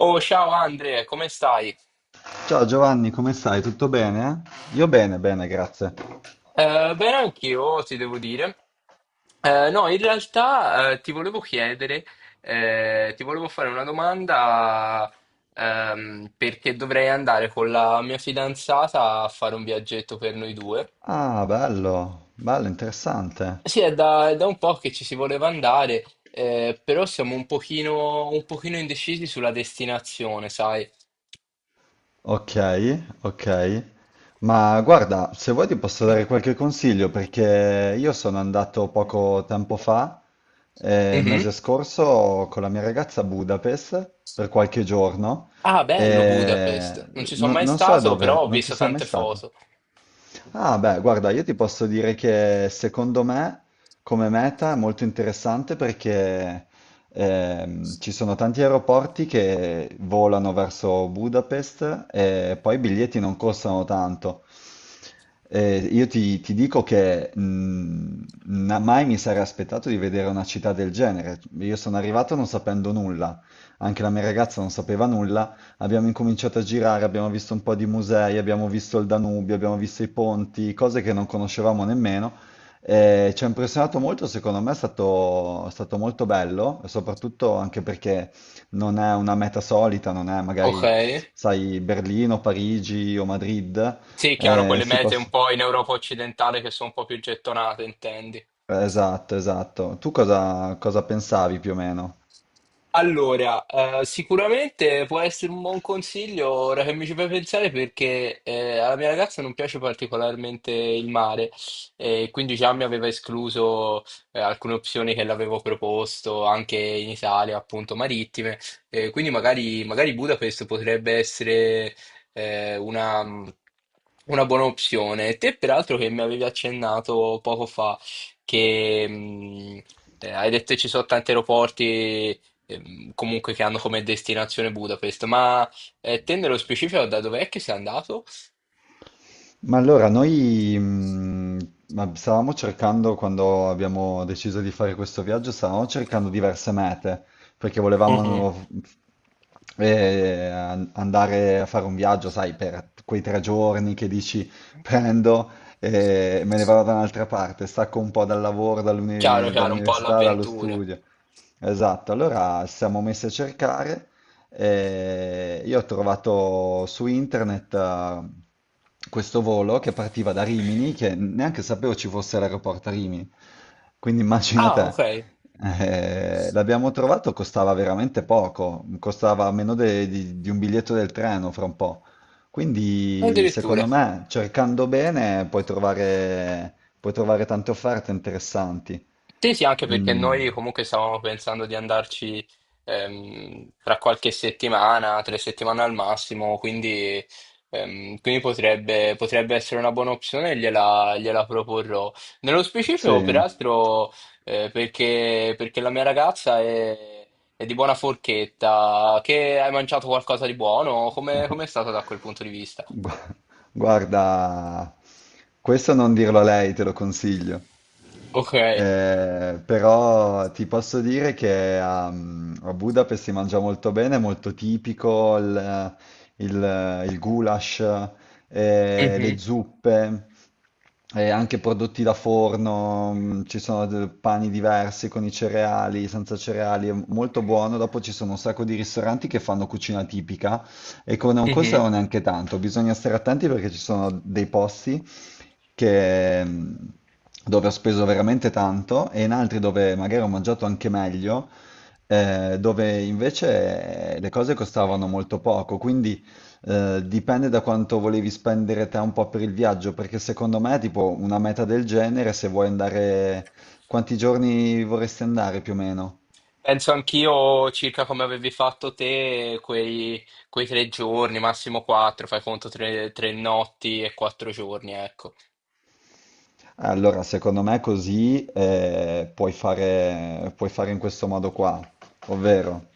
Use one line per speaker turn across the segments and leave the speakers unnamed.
Oh, ciao Andre, come stai?
Ciao Giovanni, come stai? Tutto bene? Io bene, bene, grazie.
Bene, anch'io ti devo dire. No, in realtà, ti volevo chiedere, ti volevo fare una domanda, perché dovrei andare con la mia fidanzata a fare un viaggetto per noi due.
Ah, bello, bello, interessante.
Sì, è da un po' che ci si voleva andare, però siamo un pochino indecisi sulla destinazione, sai?
Ok, ok. Ma guarda, se vuoi ti posso dare qualche consiglio perché io sono andato poco tempo fa, il
Mhm.
mese scorso, con la mia ragazza a Budapest per qualche giorno
Ah, bello
e
Budapest. Non ci sono mai
non so
stato, però
dove,
ho
non ci
visto
sei mai
tante
stato.
foto.
Ah, beh, guarda, io ti posso dire che secondo me come meta è molto interessante perché ci sono tanti aeroporti che volano verso Budapest e poi i biglietti non costano tanto. Io ti dico che mai mi sarei aspettato di vedere una città del genere. Io sono arrivato non sapendo nulla, anche la mia ragazza non sapeva nulla. Abbiamo incominciato a girare, abbiamo visto un po' di musei, abbiamo visto il Danubio, abbiamo visto i ponti, cose che non conoscevamo nemmeno. Ci ha impressionato molto, secondo me è stato molto bello, e soprattutto anche perché non è una meta solita, non è
Ok.
magari, sai, Berlino, Parigi o Madrid.
Sì, chiaro,
Eh,
quelle
si
mete un
poss-
po' in Europa occidentale che sono un po' più gettonate, intendi.
Esatto, esatto. Tu cosa pensavi più o meno?
Allora, sicuramente può essere un buon consiglio ora che mi ci fai pensare, perché alla mia ragazza non piace particolarmente il mare, e quindi già mi aveva escluso alcune opzioni che l'avevo proposto anche in Italia, appunto marittime. Quindi magari Budapest potrebbe essere eh, una, una buona opzione. Te peraltro, che mi avevi accennato poco fa che hai detto che ci sono tanti aeroporti, comunque, che hanno come destinazione Budapest. Ma te, nello specifico, da dov'è che sei andato?
Ma allora, noi ma stavamo cercando, quando abbiamo deciso di fare questo viaggio, stavamo cercando diverse mete, perché
Mhm.
volevamo andare a fare un viaggio, sai, per quei 3 giorni che dici prendo e me ne vado da un'altra parte, stacco un po' dal lavoro,
Chiaro, chiaro, un po'
dall'università, dallo
all'avventura.
studio. Esatto, allora ci siamo messi a cercare. Io ho trovato su internet questo volo che partiva da Rimini, che neanche sapevo ci fosse l'aeroporto a Rimini. Quindi immagina
Ah, ok,
te. L'abbiamo trovato, costava veramente poco, costava meno di un biglietto del treno fra un po'. Quindi
addirittura.
secondo me, cercando bene, puoi trovare tante offerte interessanti.
Sì, sì, anche perché
Mm,
noi comunque stavamo pensando di andarci, tra qualche settimana, 3 settimane al massimo. Quindi potrebbe essere una buona opzione, gliela proporrò. Nello specifico,
sì.
peraltro, perché la mia ragazza è di buona forchetta. Che hai mangiato qualcosa di buono, come è stato da quel punto di vista?
Gua- Guarda, questo non dirlo a lei, te lo consiglio.
Ok.
Però ti posso dire che a Budapest si mangia molto bene, è molto tipico il goulash, le
Mhm,
zuppe, anche prodotti da forno. Ci sono pani diversi con i cereali, senza cereali, è molto buono. Dopo ci sono un sacco di ristoranti che fanno cucina tipica e che non
mhm.
costano neanche tanto. Bisogna stare attenti perché ci sono dei posti che, mh, dove ho speso veramente tanto e in altri dove magari ho mangiato anche meglio, dove invece le cose costavano molto poco. Quindi dipende da quanto volevi spendere te un po' per il viaggio, perché secondo me, tipo, una meta del genere, se vuoi andare, quanti giorni vorresti andare più o meno?
Penso anch'io, circa come avevi fatto te, quei 3 giorni, massimo quattro, fai conto 3 notti e 4 giorni, ecco.
Allora, secondo me così puoi fare in questo modo qua, ovvero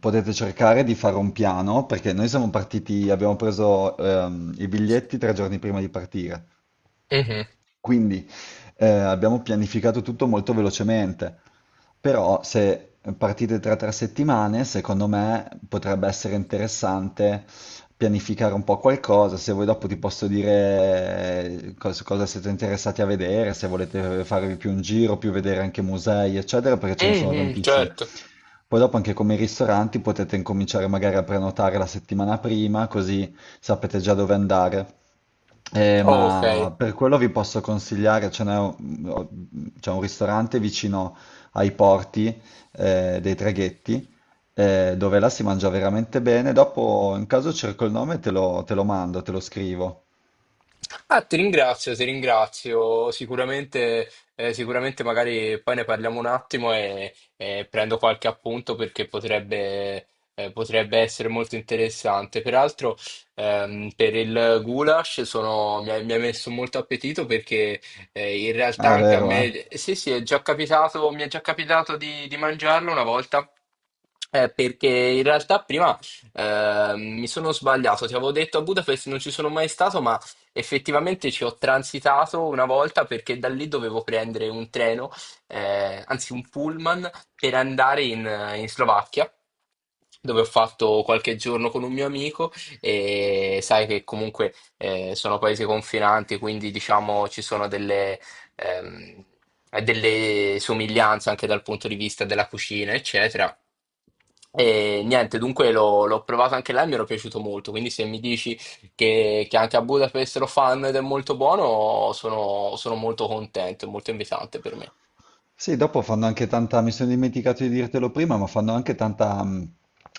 potete cercare di fare un piano perché noi siamo partiti, abbiamo preso i biglietti 3 giorni prima di partire.
Mhm.
Quindi abbiamo pianificato tutto molto velocemente, però se partite tra 3 settimane, secondo me potrebbe essere interessante pianificare un po' qualcosa, se voi dopo ti posso dire cosa siete interessati a vedere, se volete farvi più un giro, più vedere anche musei, eccetera, perché ce ne sono
Mhm,
tantissimi.
certo.
Poi dopo anche come i ristoranti potete incominciare magari a prenotare la settimana prima, così sapete già dove andare.
Ok.
Ma per quello vi posso consigliare, c'è un ristorante vicino ai porti, dei traghetti, dove là si mangia veramente bene. Dopo, in caso cerco il nome, e te lo mando, te lo scrivo.
Ah, ti ringrazio, ti ringrazio. Sicuramente magari poi ne parliamo un attimo, e prendo qualche appunto perché potrebbe essere molto interessante. Peraltro, per il goulash mi ha messo molto appetito, perché in realtà,
Ah, è
anche a
vero, eh?
me, sì, sì, mi è già capitato di mangiarlo una volta. Perché in realtà prima, mi sono sbagliato, ti avevo detto a Budapest non ci sono mai stato, ma effettivamente ci ho transitato una volta, perché da lì dovevo prendere un treno, anzi un pullman, per andare in Slovacchia, dove ho fatto qualche giorno con un mio amico. E sai che comunque, sono paesi confinanti, quindi diciamo ci sono delle, ehm, delle somiglianze anche dal punto di vista della cucina, eccetera. E niente, dunque l'ho provato anche là e mi era piaciuto molto, quindi se mi dici che anche a Budapest lo fanno ed è molto buono, sono molto contento, è molto invitante per me.
Sì, dopo fanno anche tanta, mi sono dimenticato di dirtelo prima, ma fanno anche tanta,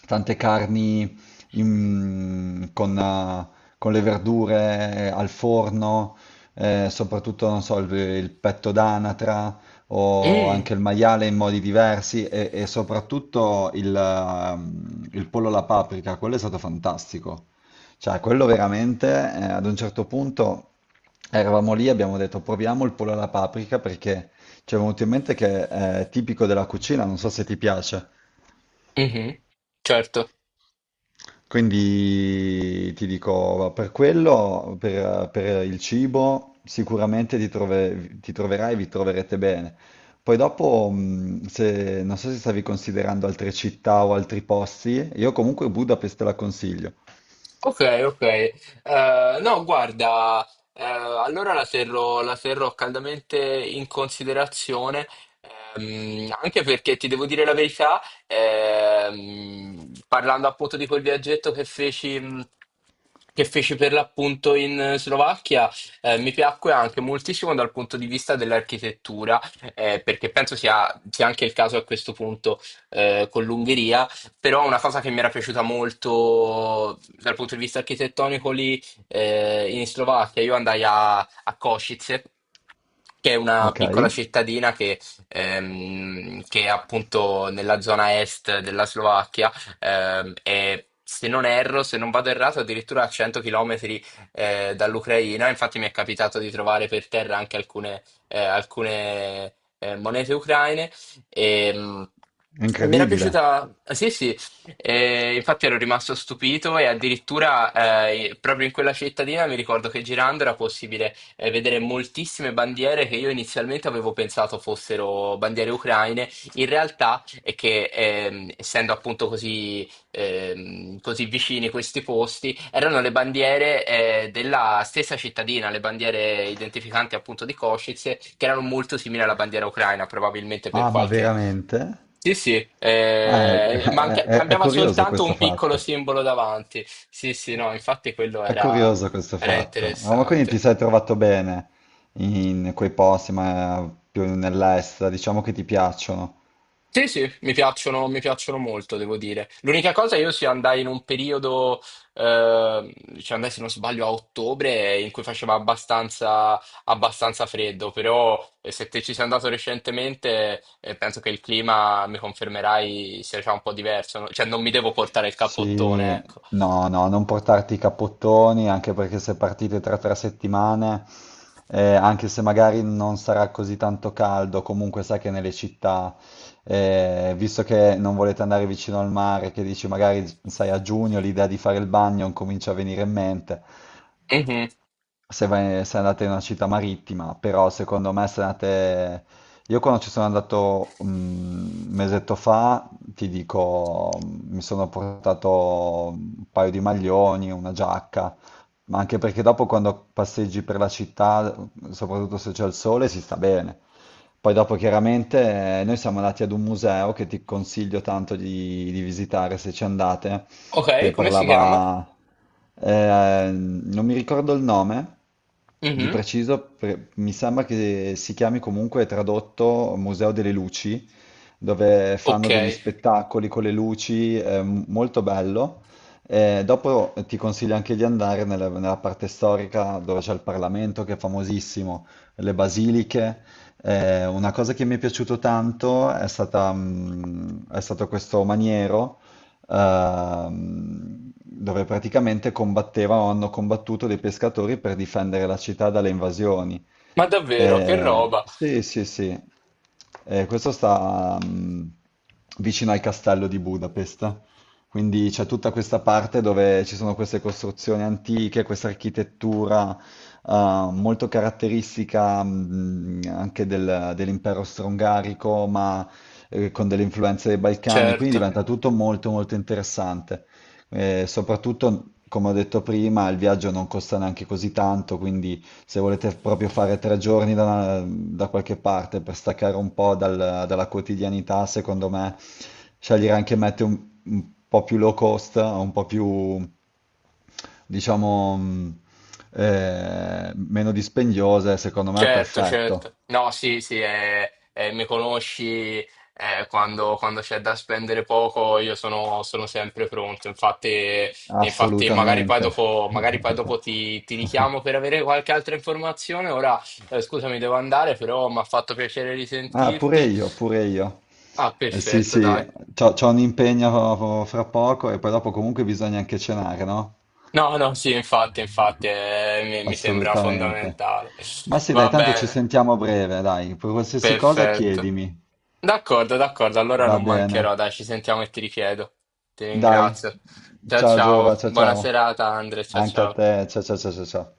tante carni in- con, eh, con le verdure al forno, soprattutto, non so, il petto d'anatra o
Mm,
anche il maiale in modi diversi e soprattutto il pollo alla paprika, quello è stato fantastico. Cioè, quello veramente, ad un certo punto eravamo lì e abbiamo detto proviamo il pollo alla paprika perché... Ci è venuto in mente che è tipico della cucina, non so se ti piace.
mhm, certo.
Quindi ti dico, per quello, per il cibo, sicuramente ti troverai e vi troverete bene. Poi dopo, se, non so se stavi considerando altre città o altri posti, io comunque Budapest te la consiglio.
Ok, ok. No, guarda, allora la terrò caldamente in considerazione, anche perché ti devo dire la verità. Parlando appunto di quel viaggetto che feci, per l'appunto in Slovacchia, mi piacque anche moltissimo dal punto di vista dell'architettura, perché penso sia anche il caso, a questo punto, con l'Ungheria. Però una cosa che mi era piaciuta molto dal punto di vista architettonico lì, in Slovacchia: io andai a Košice, che è una
Ok?
piccola
È
cittadina che è appunto nella zona est della Slovacchia. E se non erro, se non vado errato, addirittura a 100 km dall'Ucraina. Infatti mi è capitato di trovare per terra anche alcune monete ucraine. E, mi era
incredibile.
piaciuta, sì, sì. Infatti ero rimasto stupito, e addirittura proprio in quella cittadina mi ricordo che, girando, era possibile vedere moltissime bandiere che io inizialmente avevo pensato fossero bandiere ucraine. In realtà, e che, essendo appunto così, così vicini questi posti, erano le bandiere della stessa cittadina, le bandiere identificanti, appunto, di Kosice, che erano molto simili alla bandiera ucraina, probabilmente per
Ah, ma
qualche.
veramente?
Sì, sì,
Ah, è
cambiava
curioso
soltanto
questo
un piccolo
fatto.
simbolo davanti. Sì, sì, no, infatti quello
È
era
curioso questo
era
fatto. Ah, ma quindi ti
interessante.
sei trovato bene in quei posti, ma più nell'est, diciamo che ti piacciono.
Sì, sì, mi piacciono molto, devo dire. L'unica cosa, io sì, andai in un periodo, cioè andai, se non sbaglio, a ottobre, in cui faceva abbastanza freddo. Però, se te ci sei andato recentemente, penso che il clima, mi confermerai, sia già un po' diverso, no? Cioè non mi devo portare il
Sì,
cappottone, ecco.
no, no, non portarti i cappottoni, anche perché se partite tra tre settimane, anche se magari non sarà così tanto caldo, comunque sai che nelle città, visto che non volete andare vicino al mare, che dici magari, sai, a giugno l'idea di fare il bagno comincia a venire in mente.
Mhm.
Se andate in una città marittima, però secondo me se andate... Io quando ci sono andato un mesetto fa, ti dico, mi sono portato un paio di maglioni, una giacca, ma anche perché dopo quando passeggi per la città, soprattutto se c'è il sole, si sta bene. Poi dopo chiaramente noi siamo andati ad un museo che ti consiglio tanto di visitare se ci andate,
Ok,
che
come si chiama?
parlava, non mi ricordo il nome di
Mhm.
preciso, mi sembra che si chiami comunque tradotto Museo delle Luci, dove
Ok,
fanno degli spettacoli con le luci, è molto bello. Dopo ti consiglio anche di andare nella parte storica dove c'è il Parlamento, che è famosissimo, le basiliche. Una cosa che mi è piaciuto tanto è stato questo maniero, dove praticamente combattevano, o hanno combattuto dei pescatori per difendere la città dalle invasioni.
ma davvero, che roba,
Sì, sì, sì. Questo sta vicino al castello di Budapest. Quindi c'è tutta questa parte dove ci sono queste costruzioni antiche, questa architettura molto caratteristica, anche dell'impero strongarico, ma con delle influenze dei Balcani, quindi
certo.
diventa tutto molto molto interessante. Soprattutto, come ho detto prima, il viaggio non costa neanche così tanto, quindi se volete proprio fare 3 giorni da, da qualche parte per staccare un po' dalla quotidianità, secondo me scegliere anche mete un po' più low cost, un po' più, diciamo, meno dispendiose, secondo me è
Certo,
perfetto.
certo. No, sì, sì, mi conosci, quando c'è da spendere poco, io sono sempre pronto. Infatti, infatti,
Assolutamente.
magari poi dopo ti richiamo per avere qualche altra informazione. Ora, scusami, devo andare, però mi ha fatto piacere
Ah, pure
risentirti.
io, pure io.
Ah,
Sì,
perfetto,
sì,
dai.
c'ho un impegno fra poco e poi dopo comunque bisogna anche cenare, no?
No, no, sì, infatti, infatti, mi sembra
Assolutamente.
fondamentale.
Ma sì, dai,
Va
tanto ci
bene,
sentiamo a breve, dai. Per qualsiasi cosa
perfetto.
chiedimi.
D'accordo, d'accordo, allora
Va
non
bene.
mancherò, dai, ci sentiamo e ti richiedo. Ti
Dai.
ringrazio. Ciao
Ciao Giova,
ciao,
ciao
buona
ciao.
serata Andre, ciao
Anche a
ciao.
te. Ciao ciao ciao ciao ciao.